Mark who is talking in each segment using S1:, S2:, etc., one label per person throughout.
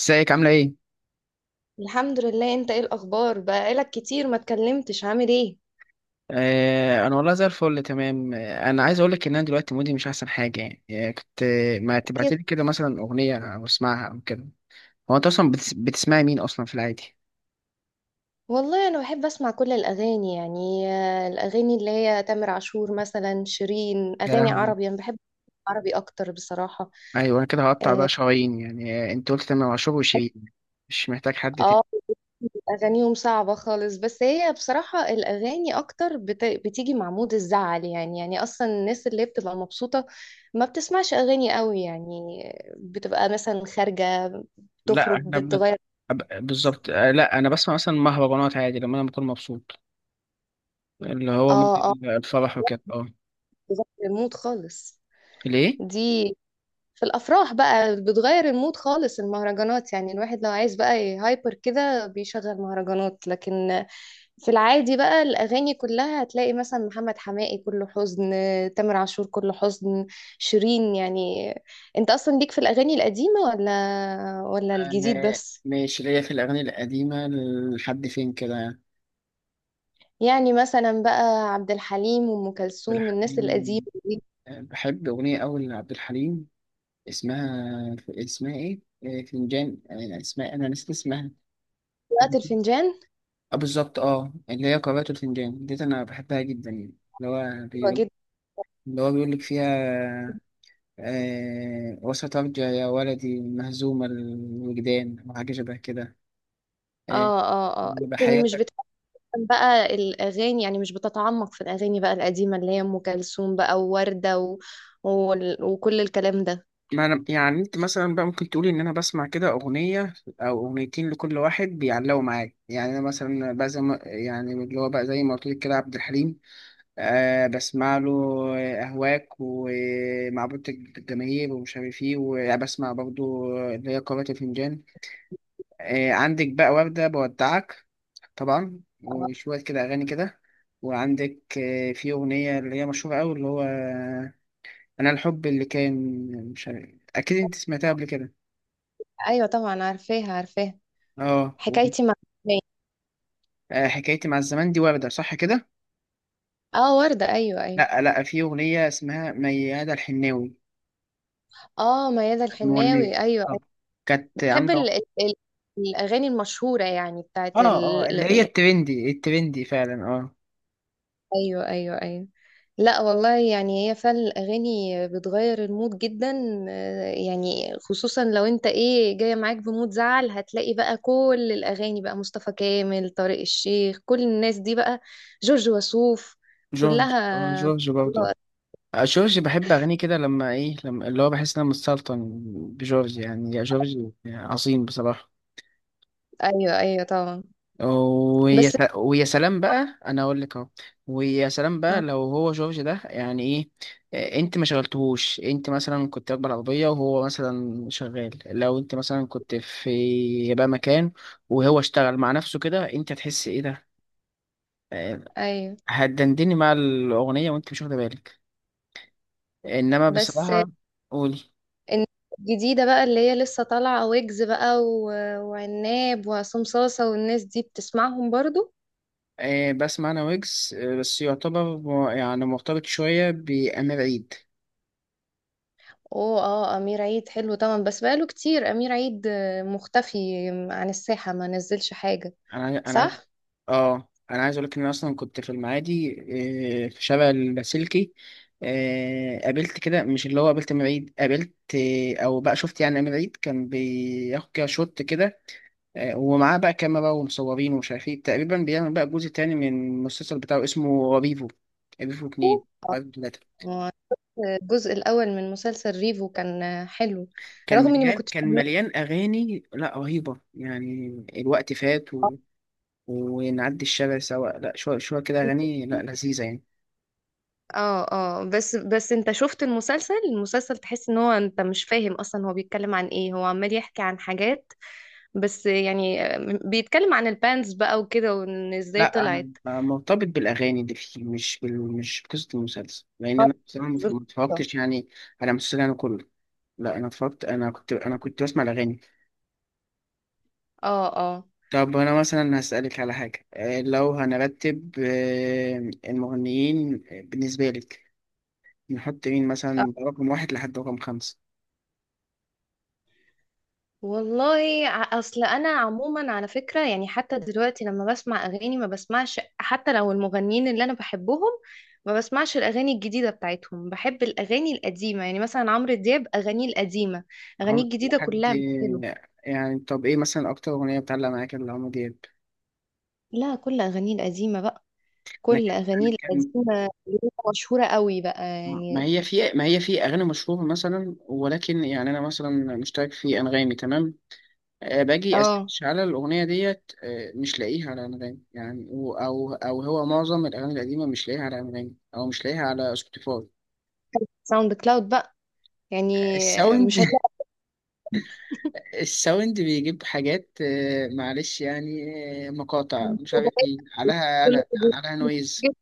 S1: ازيك عاملة ايه؟
S2: الحمد لله، انت ايه الاخبار؟ بقالك كتير ما اتكلمتش، عامل ايه؟
S1: آه، انا والله زي الفل تمام. انا عايز اقولك ان انا دلوقتي مودي مش احسن حاجة. يعني كنت، ما
S2: كده.
S1: تبعتلي كده مثلا اغنية او اسمعها او كده. هو انت اصلا بتسمعي مين اصلا في العادي؟
S2: والله انا بحب اسمع كل الاغاني، يعني الاغاني اللي هي تامر عاشور مثلا، شيرين،
S1: يا
S2: اغاني
S1: لهوي.
S2: عربي انا بحب. عربي اكتر بصراحة.
S1: ايوه انا كده هقطع
S2: اه.
S1: بقى شرايين. يعني آه، انت قلت تمام عاشور وشيرين، مش محتاج حد تاني.
S2: آه، اغانيهم صعبة خالص، بس هي بصراحة الاغاني اكتر بتيجي مع مود الزعل، يعني اصلا الناس اللي بتبقى مبسوطة ما بتسمعش اغاني قوي يعني، بتبقى مثلا خارجة،
S1: لا
S2: بتخرج
S1: احنا
S2: بتغير.
S1: بالظبط. آه، لا انا بسمع مثلا مهرجانات عادي لما انا بكون مبسوط، اللي هو
S2: اه آه.
S1: مودي الفرح وكده. اه.
S2: بتغير المود خالص
S1: ليه؟
S2: دي. في الافراح بقى بتغير المود خالص، المهرجانات يعني الواحد لو عايز بقى هايبر كده بيشغل مهرجانات، لكن في العادي بقى الاغاني كلها هتلاقي مثلا محمد حماقي كله حزن، تامر عاشور كله حزن، شيرين يعني. انت اصلا ليك في الاغاني القديمة ولا الجديد
S1: أنا
S2: بس؟
S1: ماشي ليا في الأغاني القديمة لحد فين كده يعني.
S2: يعني مثلا بقى عبد الحليم وام
S1: عبد
S2: كلثوم الناس القديمة
S1: الحليم،
S2: دي.
S1: بحب أغنية أوي لعبد الحليم. اسمها إيه؟ فنجان، اسمها، أنا نسيت اسمها.
S2: وقت الفنجان.
S1: آه بالظبط، أه اللي هي قارئة الفنجان ديت أنا بحبها جدا يعني. اللي هو
S2: حلوة
S1: بيقول،
S2: جدا.
S1: اللي هو بيقول لك فيها، آه وسترجع يا ولدي مهزوم الوجدان وحاجة شبه كده. آه،
S2: اه اه اه. لكن مش
S1: بحياتك.
S2: بتحب بقى الأغاني، يعني مش بتتعمق في الأغاني بقى القديمة اللي هي أم كلثوم بقى ووردة وكل الكلام ده.
S1: ما أنا يعني، أنت مثلا بقى ممكن تقولي إن أنا بسمع كده أغنية أو أغنيتين لكل واحد بيعلقوا معايا. يعني أنا مثلا بقى زي ما يعني، اللي هو بقى زي ما قلت لك، كده عبد الحليم، آه بسمع له أهواك ومعبود الجماهير ومش عارف إيه. وبسمع برضه اللي هي قارئة الفنجان. آه عندك بقى وردة بودعك طبعا،
S2: آه،
S1: وشوية كده أغاني كده. وعندك في أغنية اللي هي مشهورة أوي، اللي هو أنا الحب اللي كان، مش عارف، أكيد أنت سمعتها قبل كده.
S2: أيوة طبعا، عارفاها عارفاها.
S1: اه.
S2: حكايتي مع الحناوي.
S1: آه، حكايتي مع الزمان دي وردة صح كده؟
S2: اه وردة، أيوة أيوة.
S1: لا لا، في أغنية اسمها ميادة الحناوي،
S2: اه ميادة الحناوي،
S1: مغنية
S2: أيوة أيوة.
S1: بالظبط. كانت
S2: بحب
S1: عاملة،
S2: الأغاني المشهورة، يعني
S1: اه
S2: بتاعت
S1: اه،
S2: ال...
S1: اللي هي الترندي الترندي فعلا. اه
S2: ايوه ايوه ايوه. لا والله، يعني هي فعلا الاغاني بتغير المود جدا، يعني خصوصا لو انت ايه جايه معاك بمود زعل، هتلاقي بقى كل الاغاني بقى مصطفى كامل، طارق الشيخ، كل الناس دي بقى، جورج وسوف،
S1: جورج، اه
S2: كلها.
S1: جورج برضه. آه، جورج بحب أغانيه كده لما إيه، لما اللي هو بحس إن أنا متسلطن بجورج يعني. يا جورج، عظيم بصراحة.
S2: ايوه ايوه طبعا.
S1: ويا
S2: بس
S1: ويا سلام بقى، انا اقول لك اهو، ويا سلام بقى
S2: آه،
S1: لو هو جورج ده يعني ايه. آه، انت ما شغلتهوش، انت مثلا كنت راكبه العربيه وهو مثلا شغال، لو انت مثلا كنت في بقى مكان وهو اشتغل مع نفسه كده، انت هتحس ايه ده. آه،
S2: ايوه
S1: هتدندني مع الاغنيه وانت مش واخده بالك، انما
S2: بس
S1: بصراحه. قولي.
S2: إن- الجديده بقى اللي هي لسه طالعه، ويجز بقى وعناب وعصام صاصه والناس دي بتسمعهم برضو.
S1: بسمع انا ويجز، آه بس يعتبر يعني مرتبط شويه بامير عيد.
S2: اوه، اه، امير عيد حلو طبعا، بس بقاله كتير امير عيد مختفي عن الساحة، ما نزلش حاجة.
S1: انا،
S2: صح؟
S1: اه انا عايز اقول لك ان أنا اصلا كنت في المعادي، في شارع اللاسلكي. آه، قابلت كده، مش اللي هو قابلت أمير عيد، قابلت، او بقى شفت يعني أمير عيد كان بياخد كده شوت كده. آه، ومعاه بقى كاميرا ومصورين ومش عارف ايه، تقريبا بيعمل بقى جزء تاني من المسلسل بتاعه اسمه ريفو، ريفو اتنين، ريفو تلاتة.
S2: آه، الجزء الاول من مسلسل ريفو كان حلو.
S1: كان
S2: رغم اني ما
S1: مليان
S2: كنتش،
S1: كان مليان اغاني، لا رهيبه يعني، الوقت فات و... ونعدي الشارع سوا، لا شويه شويه كده اغاني، لا لذيذه يعني.
S2: اه بس انت شفت المسلسل تحس ان هو انت مش فاهم اصلا هو بيتكلم عن ايه، هو عمال يحكي عن حاجات بس، يعني بيتكلم عن البانز بقى وكده، وان ازاي
S1: لا انا
S2: طلعت.
S1: مرتبط بالاغاني دي، مش مش بقصه المسلسل، لان
S2: آه،
S1: انا بصراحه ما
S2: بالظبط.
S1: اتفرجتش يعني على المسلسل انا كله. لا انا اتفرجت، انا كنت بسمع الاغاني.
S2: اه اه.
S1: طب انا مثلا هسالك على حاجه، آه، لو هنرتب المغنيين بالنسبه لك، نحط مين مثلا رقم واحد لحد رقم خمسه.
S2: والله اصل انا عموما على فكره يعني حتى دلوقتي لما بسمع اغاني ما بسمعش، حتى لو المغنيين اللي انا بحبهم ما بسمعش الاغاني الجديده بتاعتهم، بحب الاغاني القديمه، يعني مثلا عمرو دياب اغانيه القديمه، اغانيه الجديده
S1: لحد
S2: كلها مش حلوه.
S1: يعني، طب ايه مثلا اكتر اغنيه بتعلق معاك لعمرو دياب.
S2: لا كل اغانيه القديمه بقى،
S1: انا
S2: كل اغانيه
S1: كان،
S2: القديمه اللي هي مشهوره قوي بقى يعني.
S1: ما هي في اغاني مشهوره مثلا، ولكن يعني انا مثلا مشترك في انغامي تمام، آه، باجي
S2: اه،
S1: اسيرش على الاغنيه ديت، آه، مش لاقيها على انغامي يعني، او هو معظم الاغاني القديمه مش لاقيها على انغامي او مش لاقيها على سبوتيفاي.
S2: ساوند كلاود بقى يعني،
S1: الساوند
S2: مش هتلاقي.
S1: الساوند بيجيب حاجات، معلش يعني، آه، مقاطع مش عارف ايه عليها، انا عليها نويز.
S2: كل-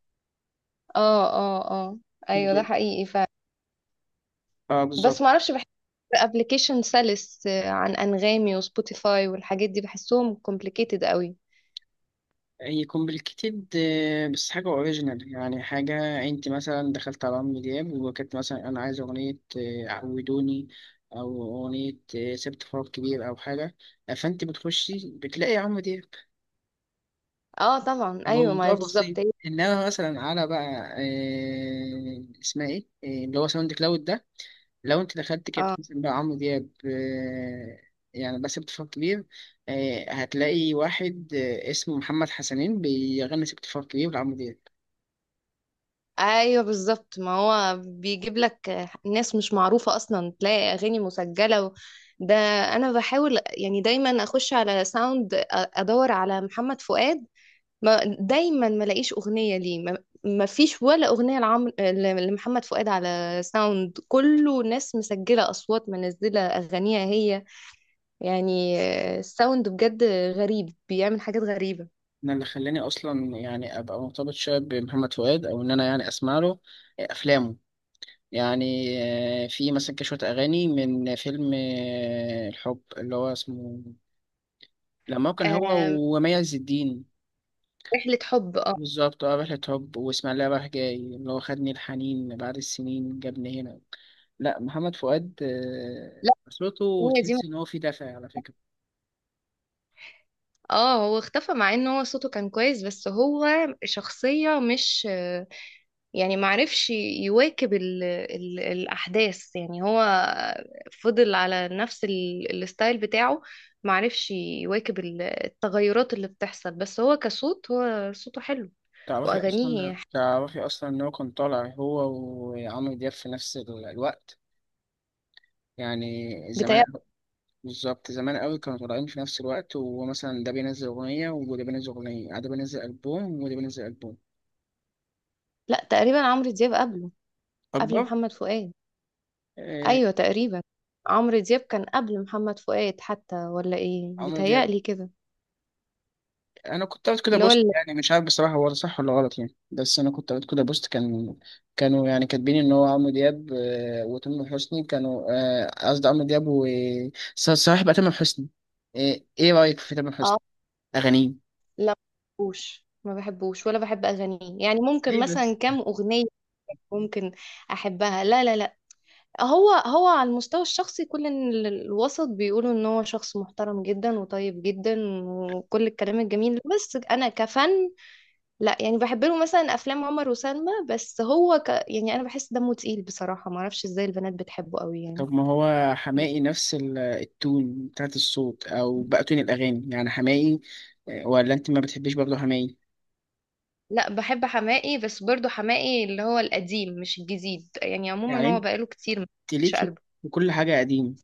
S2: اه اه اه. ايوه، ده حقيقي فعلا.
S1: اه
S2: بس
S1: بالظبط.
S2: معرفش ابلكيشن سلس عن انغامي وسبوتيفاي والحاجات دي، بحسهم كومبليكيتد قوي.
S1: يكون بالكتير آه، بس حاجة اوريجينال يعني، حاجة انت مثلا دخلت على عمرو دياب وكانت مثلا انا عايز اغنية، عودوني، او اغنية، سبت فراغ كبير، او حاجة، فانت بتخشي بتلاقي عمرو دياب،
S2: اه طبعا، ايوه، ما
S1: الموضوع
S2: هي
S1: بسيط.
S2: بالظبط
S1: انما مثلا على بقى، آه، اسمها ايه، آه، اللي هو ساوند كلاود ده، لو انت دخلت كانت مثلا بقى عمرو دياب، آه، يعني بس سبت فراغ كبير، آه، هتلاقي واحد، اسمه محمد حسنين بيغني سبت فراغ كبير لعمرو دياب.
S2: ايوه بالظبط. ما هو بيجيب لك ناس مش معروفه اصلا، تلاقي اغاني مسجله ده انا بحاول يعني دايما اخش على ساوند ادور على محمد فؤاد، ما دايما ما لاقيش اغنيه ليه. ما فيش ولا اغنيه لمحمد فؤاد على ساوند، كله ناس مسجله اصوات منزله اغانيها هي، يعني الساوند بجد غريب بيعمل حاجات غريبة.
S1: انا اللي خلاني اصلا يعني ابقى مرتبط شويه بمحمد فؤاد، او ان انا يعني اسمع له افلامه يعني. آه، في مثلا كشويه اغاني من فيلم، الحب اللي هو اسمه، لما هو كان هو
S2: آم،
S1: ومي عز الدين.
S2: رحلة حب، اه.
S1: بالظبط، اه رحلة حب واسماعيلية رايح جاي، اللي هو خدني الحنين بعد السنين جابني هنا. لا محمد فؤاد،
S2: لا،
S1: آه، صوته
S2: هي دي.
S1: تحس ان هو فيه دفع على فكرة.
S2: اه هو اختفى مع ان هو صوته كان كويس، بس هو شخصية مش يعني معرفش يواكب ال الأحداث يعني، هو فضل على نفس الستايل بتاعه، معرفش يواكب التغيرات اللي بتحصل، بس هو كصوت هو صوته حلو
S1: تعرفي اصلا
S2: وأغانيه
S1: تعرفي اصلا ان هو كان طالع هو وعمرو دياب في نفس الوقت، يعني زمان،
S2: بتاع.
S1: بالظبط زمان قوي. كانوا طالعين في نفس الوقت ومثلا ده بينزل أغنية وده بينزل أغنية، ده بينزل ألبوم وده بينزل ألبوم
S2: لا تقريبا عمرو دياب قبله، قبل
S1: أكبر.
S2: محمد فؤاد.
S1: آه،
S2: ايوه تقريبا، عمرو دياب كان قبل محمد فؤاد حتى، ولا ايه؟
S1: عمرو دياب،
S2: بيتهيألي كده.
S1: أنا كنت قريت كده
S2: اللي هو
S1: بوست،
S2: اللي
S1: يعني مش عارف بصراحة هو ده صح ولا غلط يعني، بس أنا كنت قريت كده بوست، كان كانوا يعني كاتبين إن هو عمرو دياب، آه، وتامر حسني كانوا، آه، قصدي عمرو دياب و صلاح بقى تامر حسني، آه، إيه رأيك في تامر
S2: اه.
S1: حسني أغانيه؟
S2: لا، ما بحبوش ما بحبوش، ولا بحب اغانيه يعني، ممكن
S1: ليه بس؟
S2: مثلا كام اغنيه ممكن احبها. لا لا لا. هو على المستوى الشخصي كل الوسط بيقولوا ان هو شخص محترم جدا وطيب جدا وكل الكلام الجميل ده. بس انا كفن. لا يعني بحب له مثلا افلام عمر وسلمى، بس هو يعني انا بحس دمه تقيل بصراحه، ما اعرفش ازاي البنات بتحبه قوي يعني.
S1: طب ما هو حماقي نفس التون بتاعت الصوت او بقى تون الاغاني يعني، حماقي آه، ولا انت ما بتحبيش برضه حماقي؟
S2: لا بحب حماقي، بس برضو حماقي اللي هو القديم مش الجديد، يعني
S1: يعني
S2: عموما هو بقاله كتير ما
S1: انت
S2: مش
S1: ليكي
S2: قلبه
S1: وكل حاجه قديم.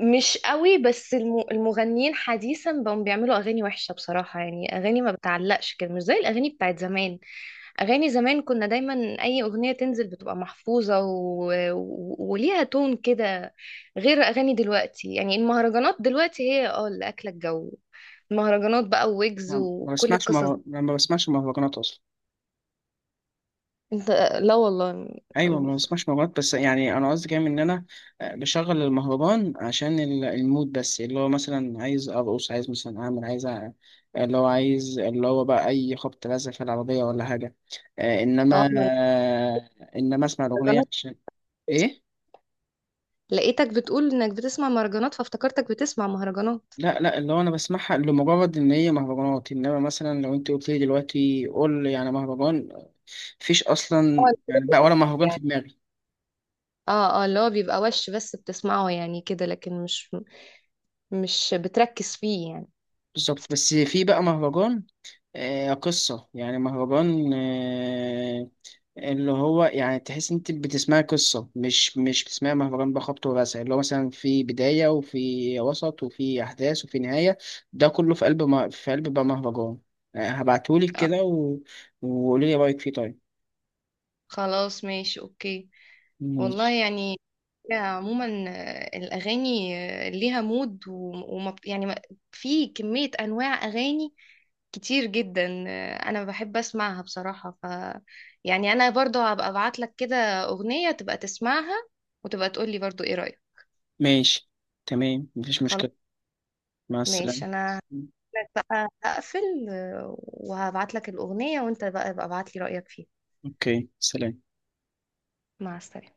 S2: مش قوي، بس المغنيين حديثا بقوا بيعملوا اغاني وحشه بصراحه، يعني اغاني ما بتعلقش كده، مش زي الاغاني بتاعت زمان، اغاني زمان كنا دايما اي اغنيه تنزل بتبقى محفوظه وليها تون كده، غير اغاني دلوقتي يعني. المهرجانات دلوقتي هي اللي اكله الجو، المهرجانات بقى، ويجز،
S1: ما ما
S2: وكل
S1: بسمعش
S2: القصص دي.
S1: مهر- ما بسمعش مهرجانات اصلا.
S2: انت؟ لا والله.
S1: ايوه ما بسمعش مهرجانات، بس يعني انا قصدي كام ان انا، آه، بشغل المهرجان عشان المود بس، اللي هو مثلا عايز ارقص، عايز مثلا اعمل، عايز اللي هو عايز، اللي هو بقى اي خبط لازق في العربيه ولا حاجه. آه،
S2: اه
S1: انما آه، انما اسمع
S2: ما
S1: الاغنيه عشان ايه.
S2: لقيتك بتقول انك بتسمع مهرجانات فافتكرتك بتسمع مهرجانات.
S1: لا لا، اللي هو انا بسمعها لمجرد ان هي مهرجانات، انما مثلا لو انت قلت لي دلوقتي قول لي يعني مهرجان، مفيش اصلا
S2: اه
S1: يعني بقى ولا مهرجان
S2: يعني
S1: في دماغي.
S2: اه اللي هو بيبقى وش بس بتسمعه يعني كده، لكن مش بتركز فيه يعني.
S1: بالظبط، بس في بقى مهرجان، آه قصة، يعني مهرجان آه، اللي هو يعني تحس انت بتسمعي قصة، مش بتسمعي مهرجان بقى خبط ورزع، اللي هو مثلا في بداية وفي وسط وفي احداث وفي نهاية، ده كله في قلب ما في قلب بقى مهرجان. آه هبعتهولك كده و... وقولي لي رأيك فيه، طيب؟
S2: خلاص ماشي اوكي. والله
S1: ماشي
S2: يعني هي عموما الاغاني ليها مود وما يعني في كمية انواع اغاني كتير جدا، انا بحب اسمعها بصراحة. يعني انا برضو هبقى ابعت لك كده اغنية تبقى تسمعها وتبقى تقولي برضو ايه رأيك.
S1: ماشي. تمام، مفيش مشكلة. مع السلامة.
S2: ماشي. انا هقولك بقى هقفل وهبعت لك الاغنيه وانت بقى ابعت لي رايك فيها.
S1: اوكي سلام.
S2: مع السلامه.